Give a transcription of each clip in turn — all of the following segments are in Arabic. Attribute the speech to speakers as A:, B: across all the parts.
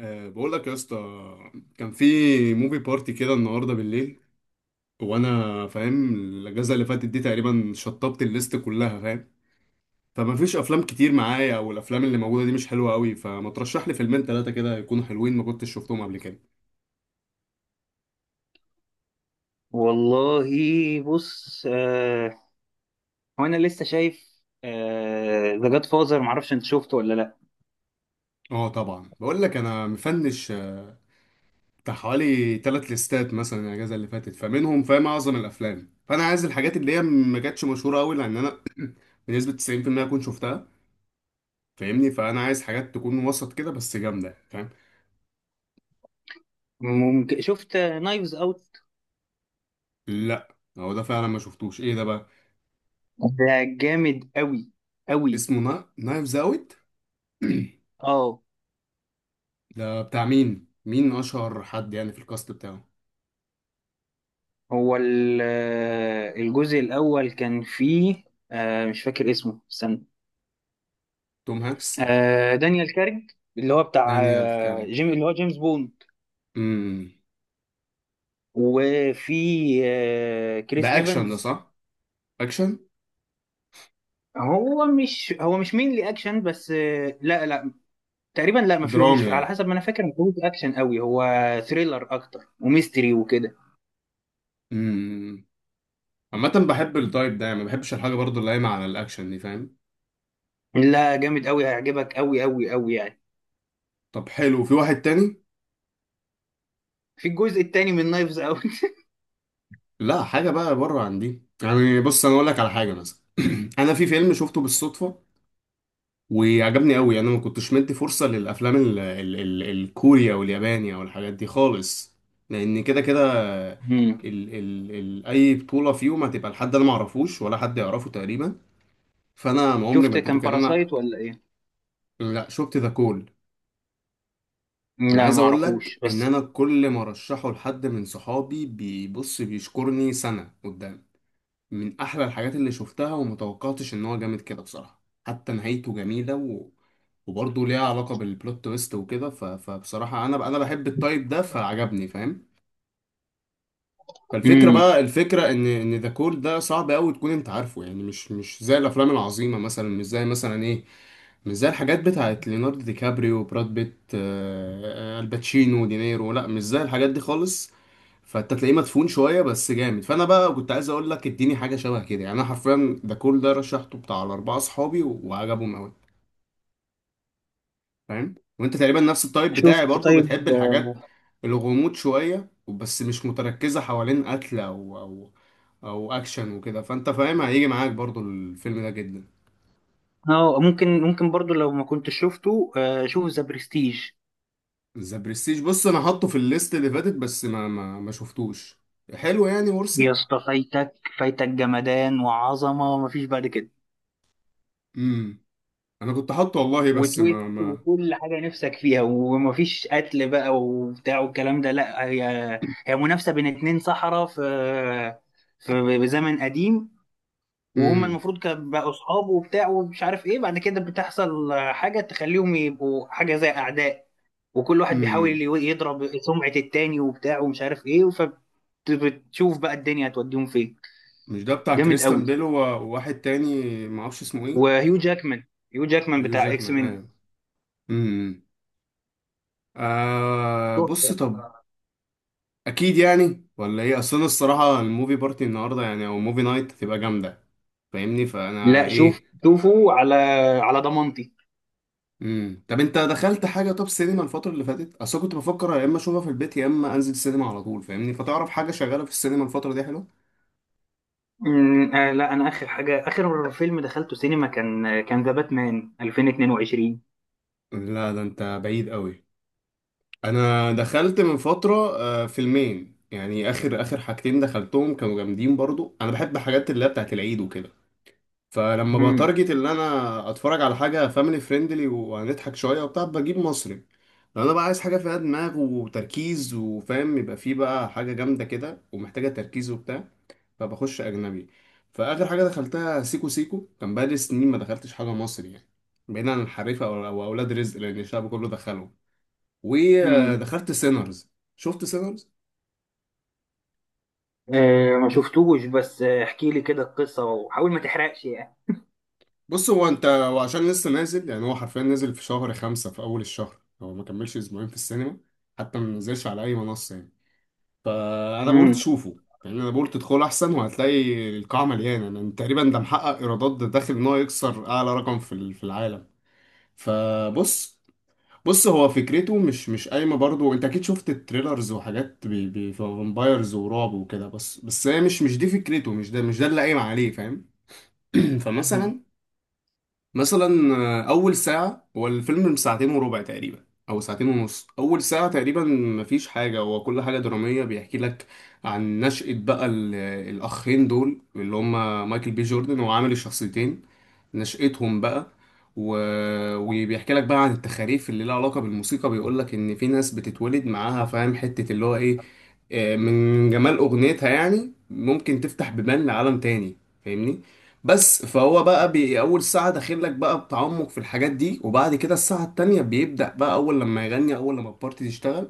A: أه بقول لك يا اسطى كان في موفي بارتي كده النهارده بالليل. وانا فاهم الاجازه اللي فاتت دي تقريبا شطبت الليست كلها، فاهم؟ فما فيش افلام كتير معايا، او الافلام اللي موجوده دي مش حلوه قوي، فما ترشح لي فيلمين ثلاثه كده يكونوا حلوين ما كنتش شفتهم قبل كده.
B: والله بص وانا لسه شايف ذا جاد فازر، معرفش انت شفته ولا لا.
A: اه طبعا بقول لك انا مفنش بتاع حوالي ثلاث ليستات مثلا الاجازه اللي فاتت، فمنهم فاهم اعظم الافلام، فانا عايز الحاجات اللي هي ما كانتش مشهوره قوي، لان انا بنسبه 90% اكون شفتها، فاهمني؟ فانا عايز حاجات تكون وسط كده بس جامده، فاهم؟
B: ممكن شفت نايفز اوت؟
A: لا هو ده فعلا ما شفتوش، ايه ده بقى؟
B: ده جامد قوي قوي.
A: اسمه نايفز اوت.
B: اه،
A: ده بتاع مين؟ مين اشهر حد يعني في الكاست بتاعه؟
B: هو الجزء الاول كان فيه، مش فاكر اسمه، استنى.
A: توم هانكس؟
B: دانيال كارج، اللي هو بتاع
A: دانيال كارينج.
B: جيم، اللي هو جيمس بوند.
A: امم.
B: وفي كريس
A: ده اكشن ده،
B: ايفنز.
A: صح؟ اكشن.
B: هو مش مين لي اكشن بس، لا لا، تقريبا لا، ما فيه،
A: درامي
B: مش على
A: يعني.
B: حسب ما انا فاكر، ما فيهوش اكشن قوي هو. ثريلر اكتر وميستري وكده.
A: امم. عامه بحب التايب ده، يعني ما بحبش الحاجه برضو اللي قايمه على الاكشن دي، فاهم؟
B: لا جامد قوي، هيعجبك قوي قوي قوي يعني.
A: طب حلو، في واحد تاني؟
B: في الجزء التاني من نايفز اوت.
A: لا حاجه بقى بره عن دي. يعني بص انا اقول لك على حاجه مثلا. انا في فيلم شفته بالصدفه وعجبني قوي. يعني انا ما كنتش مدي فرصة للافلام ال ال ال الكوريا واليابانية والحاجات دي خالص، لان كده كده
B: مم.
A: ال ال ال اي بطولة فيهم هتبقى لحد انا ما اعرفوش ولا حد يعرفه تقريبا، فانا ما عمري ما
B: شفت
A: اديته
B: كان
A: كان انا.
B: باراسايت ولا ايه؟
A: لا شفت ذا كول. انا
B: لا
A: عايز
B: ما
A: اقول
B: اعرفوش
A: لك ان
B: بس.
A: انا كل ما ارشحه لحد من صحابي بيبص بيشكرني سنة قدام، من احلى الحاجات اللي شفتها، ومتوقعتش ان هو جامد كده بصراحه. حتى نهايته جميله وبرضه ليها علاقه بالبلوت تويست وكده، فبصراحه انا بحب التايب ده فعجبني، فاهم؟ فالفكره
B: امم.
A: بقى، الفكره ان ذا كول ده صعب قوي تكون انت عارفه، يعني مش زي الافلام العظيمه مثلا، مش زي مثلا ايه، مش زي الحاجات بتاعت ليوناردو دي كابريو، براد بيت، الباتشينو، دينيرو، لا مش زي الحاجات دي خالص. فانت تلاقيه مدفون شويه بس جامد. فانا بقى كنت عايز اقول لك اديني حاجه شبه كده، يعني انا حرفيا ده كل ده رشحته بتاع الاربعه اصحابي وعجبهم قوي، فاهم؟ وانت تقريبا نفس التايب بتاعي،
B: شفت؟
A: برضو
B: طيب.
A: بتحب الحاجات، الغموض شويه، بس مش متركزه حوالين قتل او او اكشن وكده، فانت فاهم، هيجي معاك برضو الفيلم ده جدا.
B: اه ممكن، ممكن برضو لو ما كنتش شفته، شوف ذا برستيج.
A: ذا برستيج بص انا حاطه في الليست اللي فاتت بس ما شفتوش. حلو يعني
B: يا
A: ورثت.
B: اسطى فايتك، فايتك جمدان وعظمه ومفيش بعد كده.
A: امم. انا كنت حاطه والله، بس
B: وتويست
A: ما.
B: وكل حاجة نفسك فيها، ومفيش قتل بقى وبتاع والكلام ده، لا. هي، هي منافسة بين اتنين سحرة في، بزمن قديم. وهم
A: امم.
B: المفروض كانوا بقوا صحاب وبتاع ومش عارف ايه، بعد كده بتحصل حاجة تخليهم يبقوا حاجة زي أعداء. وكل واحد بيحاول
A: امم.
B: يضرب سمعة التاني وبتاع ومش عارف ايه. فبتشوف بقى الدنيا هتوديهم فين.
A: مش ده بتاع
B: جامد
A: كريستان
B: قوي.
A: بيل وواحد تاني ما اعرفش اسمه ايه؟
B: وهيو جاكمان، هيو جاكمان
A: يو
B: بتاع اكس
A: جاكمان،
B: مين.
A: ايوه. امم. آه بص، طب
B: تحفة.
A: اكيد يعني ولا ايه؟ اصل انا الصراحه الموفي بارتي النهارده، يعني او موفي نايت، هتبقى جامده، فاهمني؟ فانا
B: لا شوف،
A: ايه.
B: شوفوا على، على ضمانتي.
A: امم، طب انت دخلت حاجه طب سينما الفتره اللي فاتت؟ اصل كنت بفكر يا اما اشوفها في البيت يا اما انزل السينما على طول، فاهمني؟ فتعرف حاجه شغاله في السينما الفتره دي حلو؟
B: أمم، آه لا انا اخر حاجه، اخر فيلم دخلته سينما كان، كان ذا باتمان 2022.
A: لا ده انت بعيد قوي. انا دخلت من فتره فيلمين، يعني اخر حاجتين دخلتهم كانوا جامدين برضو. انا بحب حاجات اللي هي بتاعت العيد وكده، فلما
B: امم.
A: بتارجت ان انا اتفرج على حاجه فاميلي فريندلي وهنضحك شويه وبتاع، بجيب مصري. لو انا بقى عايز حاجه فيها دماغ وتركيز وفاهم، يبقى فيه بقى حاجه جامده كده ومحتاجه تركيز وبتاع، فبخش اجنبي. فاخر حاجه دخلتها سيكو سيكو، كان بقالي سنين ما دخلتش حاجه مصري، يعني بعيدا عن الحريفه او اولاد رزق لان الشعب كله دخله.
B: امم.
A: ودخلت سينرز. شفت سينرز؟
B: آه ما شفتوش بس، احكي لي كده القصه وحاول ما تحرقش يعني.
A: بص هو انت وعشان لسه نازل، يعني هو حرفيا نازل في شهر خمسة في اول الشهر، هو ما كملش اسبوعين في السينما، حتى ما نزلش على اي منصه يعني. فانا بقول
B: امم.
A: تشوفه، يعني انا بقول تدخل احسن، وهتلاقي القاعه مليانه يعني تقريبا. ده محقق ايرادات، ده داخل ان هو يكسر اعلى رقم في في العالم. فبص، بص هو فكرته مش قايمه برضو. انت اكيد شفت التريلرز وحاجات فامبايرز ورعب وكده، بس بس هي مش دي فكرته، مش ده اللي قايم عليه، فاهم؟
B: أمم.
A: فمثلا، مثلا اول ساعه، هو الفيلم ساعتين وربع تقريبا او ساعتين ونص، اول ساعه تقريبا مفيش حاجه، هو كل حاجه دراميه بيحكي لك عن نشأة بقى الاخين دول اللي هما مايكل بي جوردن وعامل الشخصيتين، نشأتهم بقى و... وبيحكي لك بقى عن التخاريف اللي لها علاقه بالموسيقى، بيقول لك ان في ناس بتتولد معاها، فاهم، حته اللي هو ايه، من جمال اغنيتها يعني ممكن تفتح بيبان لعالم تاني، فاهمني؟ بس فهو بقى بي اول ساعه داخل لك بقى بتعمق في الحاجات دي، وبعد كده الساعه التانية بيبدا بقى، اول لما يغني، اول لما البارتي تشتغل،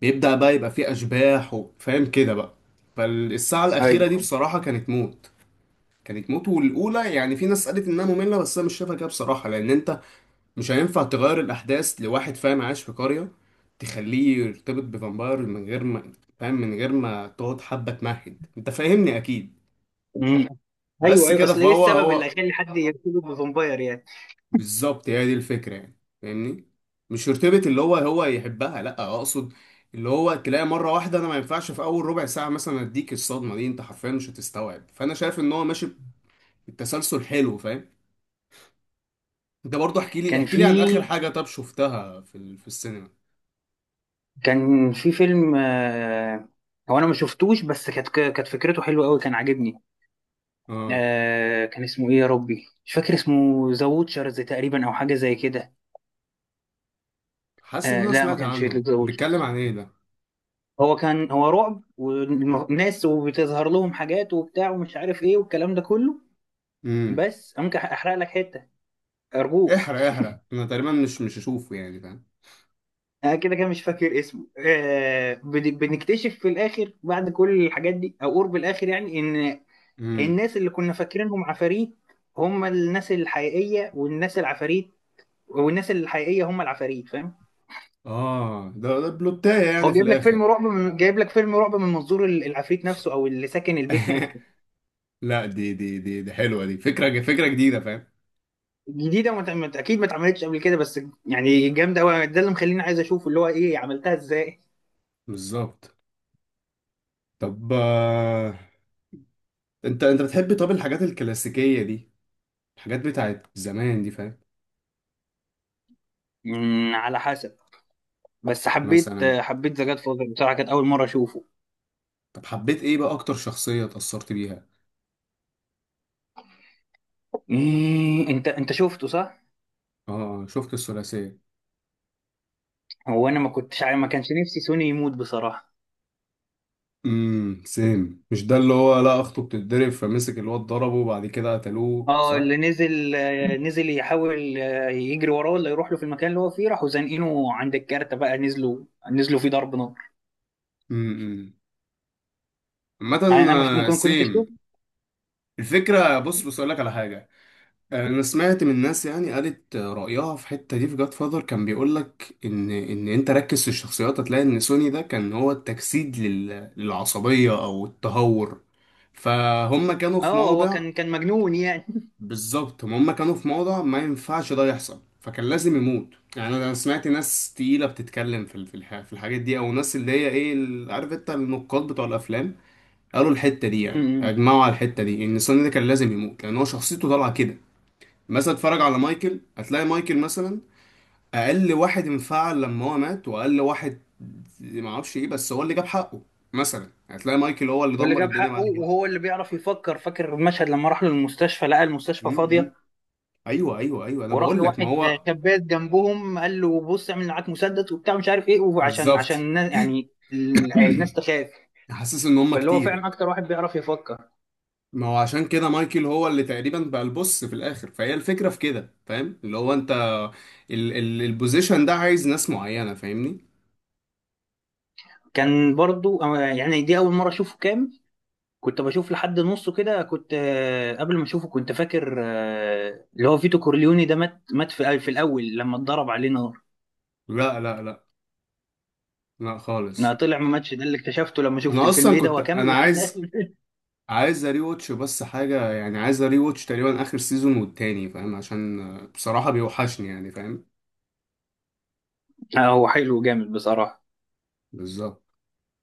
A: بيبدا بقى يبقى فيه اشباح وفاهم كده بقى. فالساعه الاخيره دي
B: ايوه.
A: بصراحه كانت موت، كانت موت. والاولى، يعني في ناس قالت انها ممله، بس انا مش شايفها كده بصراحه، لان انت مش هينفع تغير الاحداث لواحد فاهم عايش في قريه تخليه يرتبط بفامباير من غير ما، فاهم، من غير ما تقعد حبه تمهد، انت فاهمني اكيد.
B: أمم. ايوه
A: بس
B: ايوه،
A: كده.
B: اصل ايه
A: فهو
B: السبب اللي
A: هو
B: خلى حد يرتبط بفامباير يعني؟
A: بالظبط هي دي الفكرة، يعني فاهمني؟ مش يرتبط اللي هو هو يحبها، لا اقصد اللي هو تلاقي مرة واحدة. انا ما ينفعش في اول ربع ساعة مثلا اديك الصدمة دي، انت حرفيا مش هتستوعب، فانا شايف ان هو ماشي بالتسلسل حلو، فاهم؟ انت برضو احكي لي
B: كان
A: احكي لي عن
B: في،
A: اخر حاجة طب شفتها في في السينما.
B: كان في فيلم، هو انا ما شفتوش بس كانت، كانت فكرته حلوه قوي، كان عاجبني.
A: اه،
B: كان اسمه ايه يا ربي، مش فاكر اسمه. ذا ووتشرز تقريبا او حاجه زي كده.
A: حاسس ان انا
B: لا ما
A: سمعت
B: كانش
A: عنه،
B: ذا
A: بيتكلم
B: ووتشرز.
A: عن ايه ده؟
B: هو كان، هو رعب والناس وبتظهر لهم حاجات وبتاع ومش عارف ايه والكلام ده كله.
A: امم.
B: بس ممكن احرق لك حته؟ ارجوك.
A: احرق، احرق، انا تقريبا مش هشوفه يعني، فاهم؟
B: انا كده كده مش فاكر اسمه. بنكتشف في الاخر بعد كل الحاجات دي، او قرب الاخر يعني، ان
A: امم.
B: الناس اللي كنا فاكرينهم عفاريت هم الناس الحقيقيه، والناس العفاريت والناس الحقيقيه هم العفاريت، فاهم؟
A: اه ده ده بلوتاية
B: هو
A: يعني في
B: جايب لك فيلم
A: الاخر؟
B: رعب من، جايب لك فيلم رعب من منظور العفريت نفسه، او اللي ساكن البيت نفسه.
A: لا دي حلوة، دي فكرة، فكرة جديدة، فاهم؟
B: جديده، ما ت- ما ت- اكيد ما اتعملتش قبل كده، بس يعني جامده قوي، ده اللي مخليني عايز اشوف اللي هو ايه، عملتها ازاي.
A: بالظبط. طب انت بتحب طب الحاجات الكلاسيكية دي، الحاجات بتاعت زمان دي، فاهم؟
B: على حسب. بس حبيت،
A: مثلا.
B: حبيت ذا جاد فاذر بصراحه، كانت اول مره اشوفه.
A: طب حبيت ايه بقى اكتر شخصية اتأثرت بيها؟
B: انت، انت شفته صح؟
A: اه شفت الثلاثية.
B: هو انا ما كنتش عارف- ما كانش نفسي سوني يموت بصراحه.
A: امم، سيم، مش ده اللي هو، لا، اخته بتتضرب فمسك الواد ضربه، وبعد كده قتلوه،
B: اه
A: صح؟
B: اللي نزل، نزل يحاول، يجري وراه ولا يروح له في المكان اللي هو فيه، راحوا زانقينه عند الكارتة بقى، نزلوا، نزلوا فيه ضرب نار.
A: امم امم. عامة،
B: يعني انا مش ممكن كنت.
A: سيم، الفكرة، بص بص اقول لك على حاجة. انا سمعت من ناس، يعني قالت رايها في الحته دي في جاد فاذر، كان بيقول لك ان انت ركز في الشخصيات، هتلاقي ان سوني ده كان هو التجسيد للعصبيه او التهور، فهم كانوا في
B: اه هو
A: موضع.
B: كان، كان مجنون يعني.
A: بالظبط، هم كانوا في موضع ما ينفعش ده يحصل، فكان لازم يموت. يعني انا سمعت ناس تقيله بتتكلم في في الحاجات دي، او ناس اللي هي ايه عارف انت النقاد بتوع الافلام، قالوا الحته دي، يعني
B: أمم.
A: اجمعوا على الحته دي ان سوني ده كان لازم يموت لان هو شخصيته طالعه كده. مثلا اتفرج على مايكل، هتلاقي مايكل مثلا اقل واحد انفعل لما هو مات، واقل واحد ما اعرفش ايه، بس هو اللي جاب حقه. مثلا هتلاقي مايكل هو اللي
B: واللي
A: دمر
B: جاب
A: الدنيا
B: حقه
A: بعد كده.
B: وهو اللي بيعرف يفكر، فاكر المشهد لما راح له المستشفى لقى المستشفى
A: م- م.
B: فاضيه،
A: ايوه ايوه، انا
B: وراح
A: بقول
B: له
A: لك ما
B: واحد
A: هو
B: شبات جنبهم قال له بص اعمل معاك مسدس وبتاع مش عارف ايه، وعشان،
A: بالظبط.
B: عشان الناس يعني الناس تخاف.
A: حاسس ان هم
B: فاللي هو
A: كتير.
B: فعلا اكتر واحد بيعرف يفكر.
A: ما هو عشان كده مايكل هو اللي تقريبا بقى البص في الاخر، فهي الفكره في كده، فاهم؟ اللي هو انت ال البوزيشن ده عايز ناس معينه، فاهمني؟
B: كان برضو، يعني دي اول مره اشوفه كامل. كنت بشوف لحد نصه كده، كنت قبل ما اشوفه كنت فاكر، اللي هو فيتو كورليوني ده مات، مات في، في الاول لما اتضرب عليه نار.
A: لا لا
B: ما
A: خالص.
B: طلع مماتش، ده اللي اكتشفته لما شفت
A: انا
B: الفيلم،
A: اصلا
B: ايه ده
A: كنت
B: هو كمل
A: انا
B: لحد اخر
A: عايز،
B: الفيلم.
A: عايز اري واتش بس حاجة، يعني عايز اري واتش تقريبا اخر سيزون والتاني، فاهم؟ عشان بصراحة بيوحشني يعني، فاهم؟
B: هو حلو جامد بصراحة.
A: بالظبط.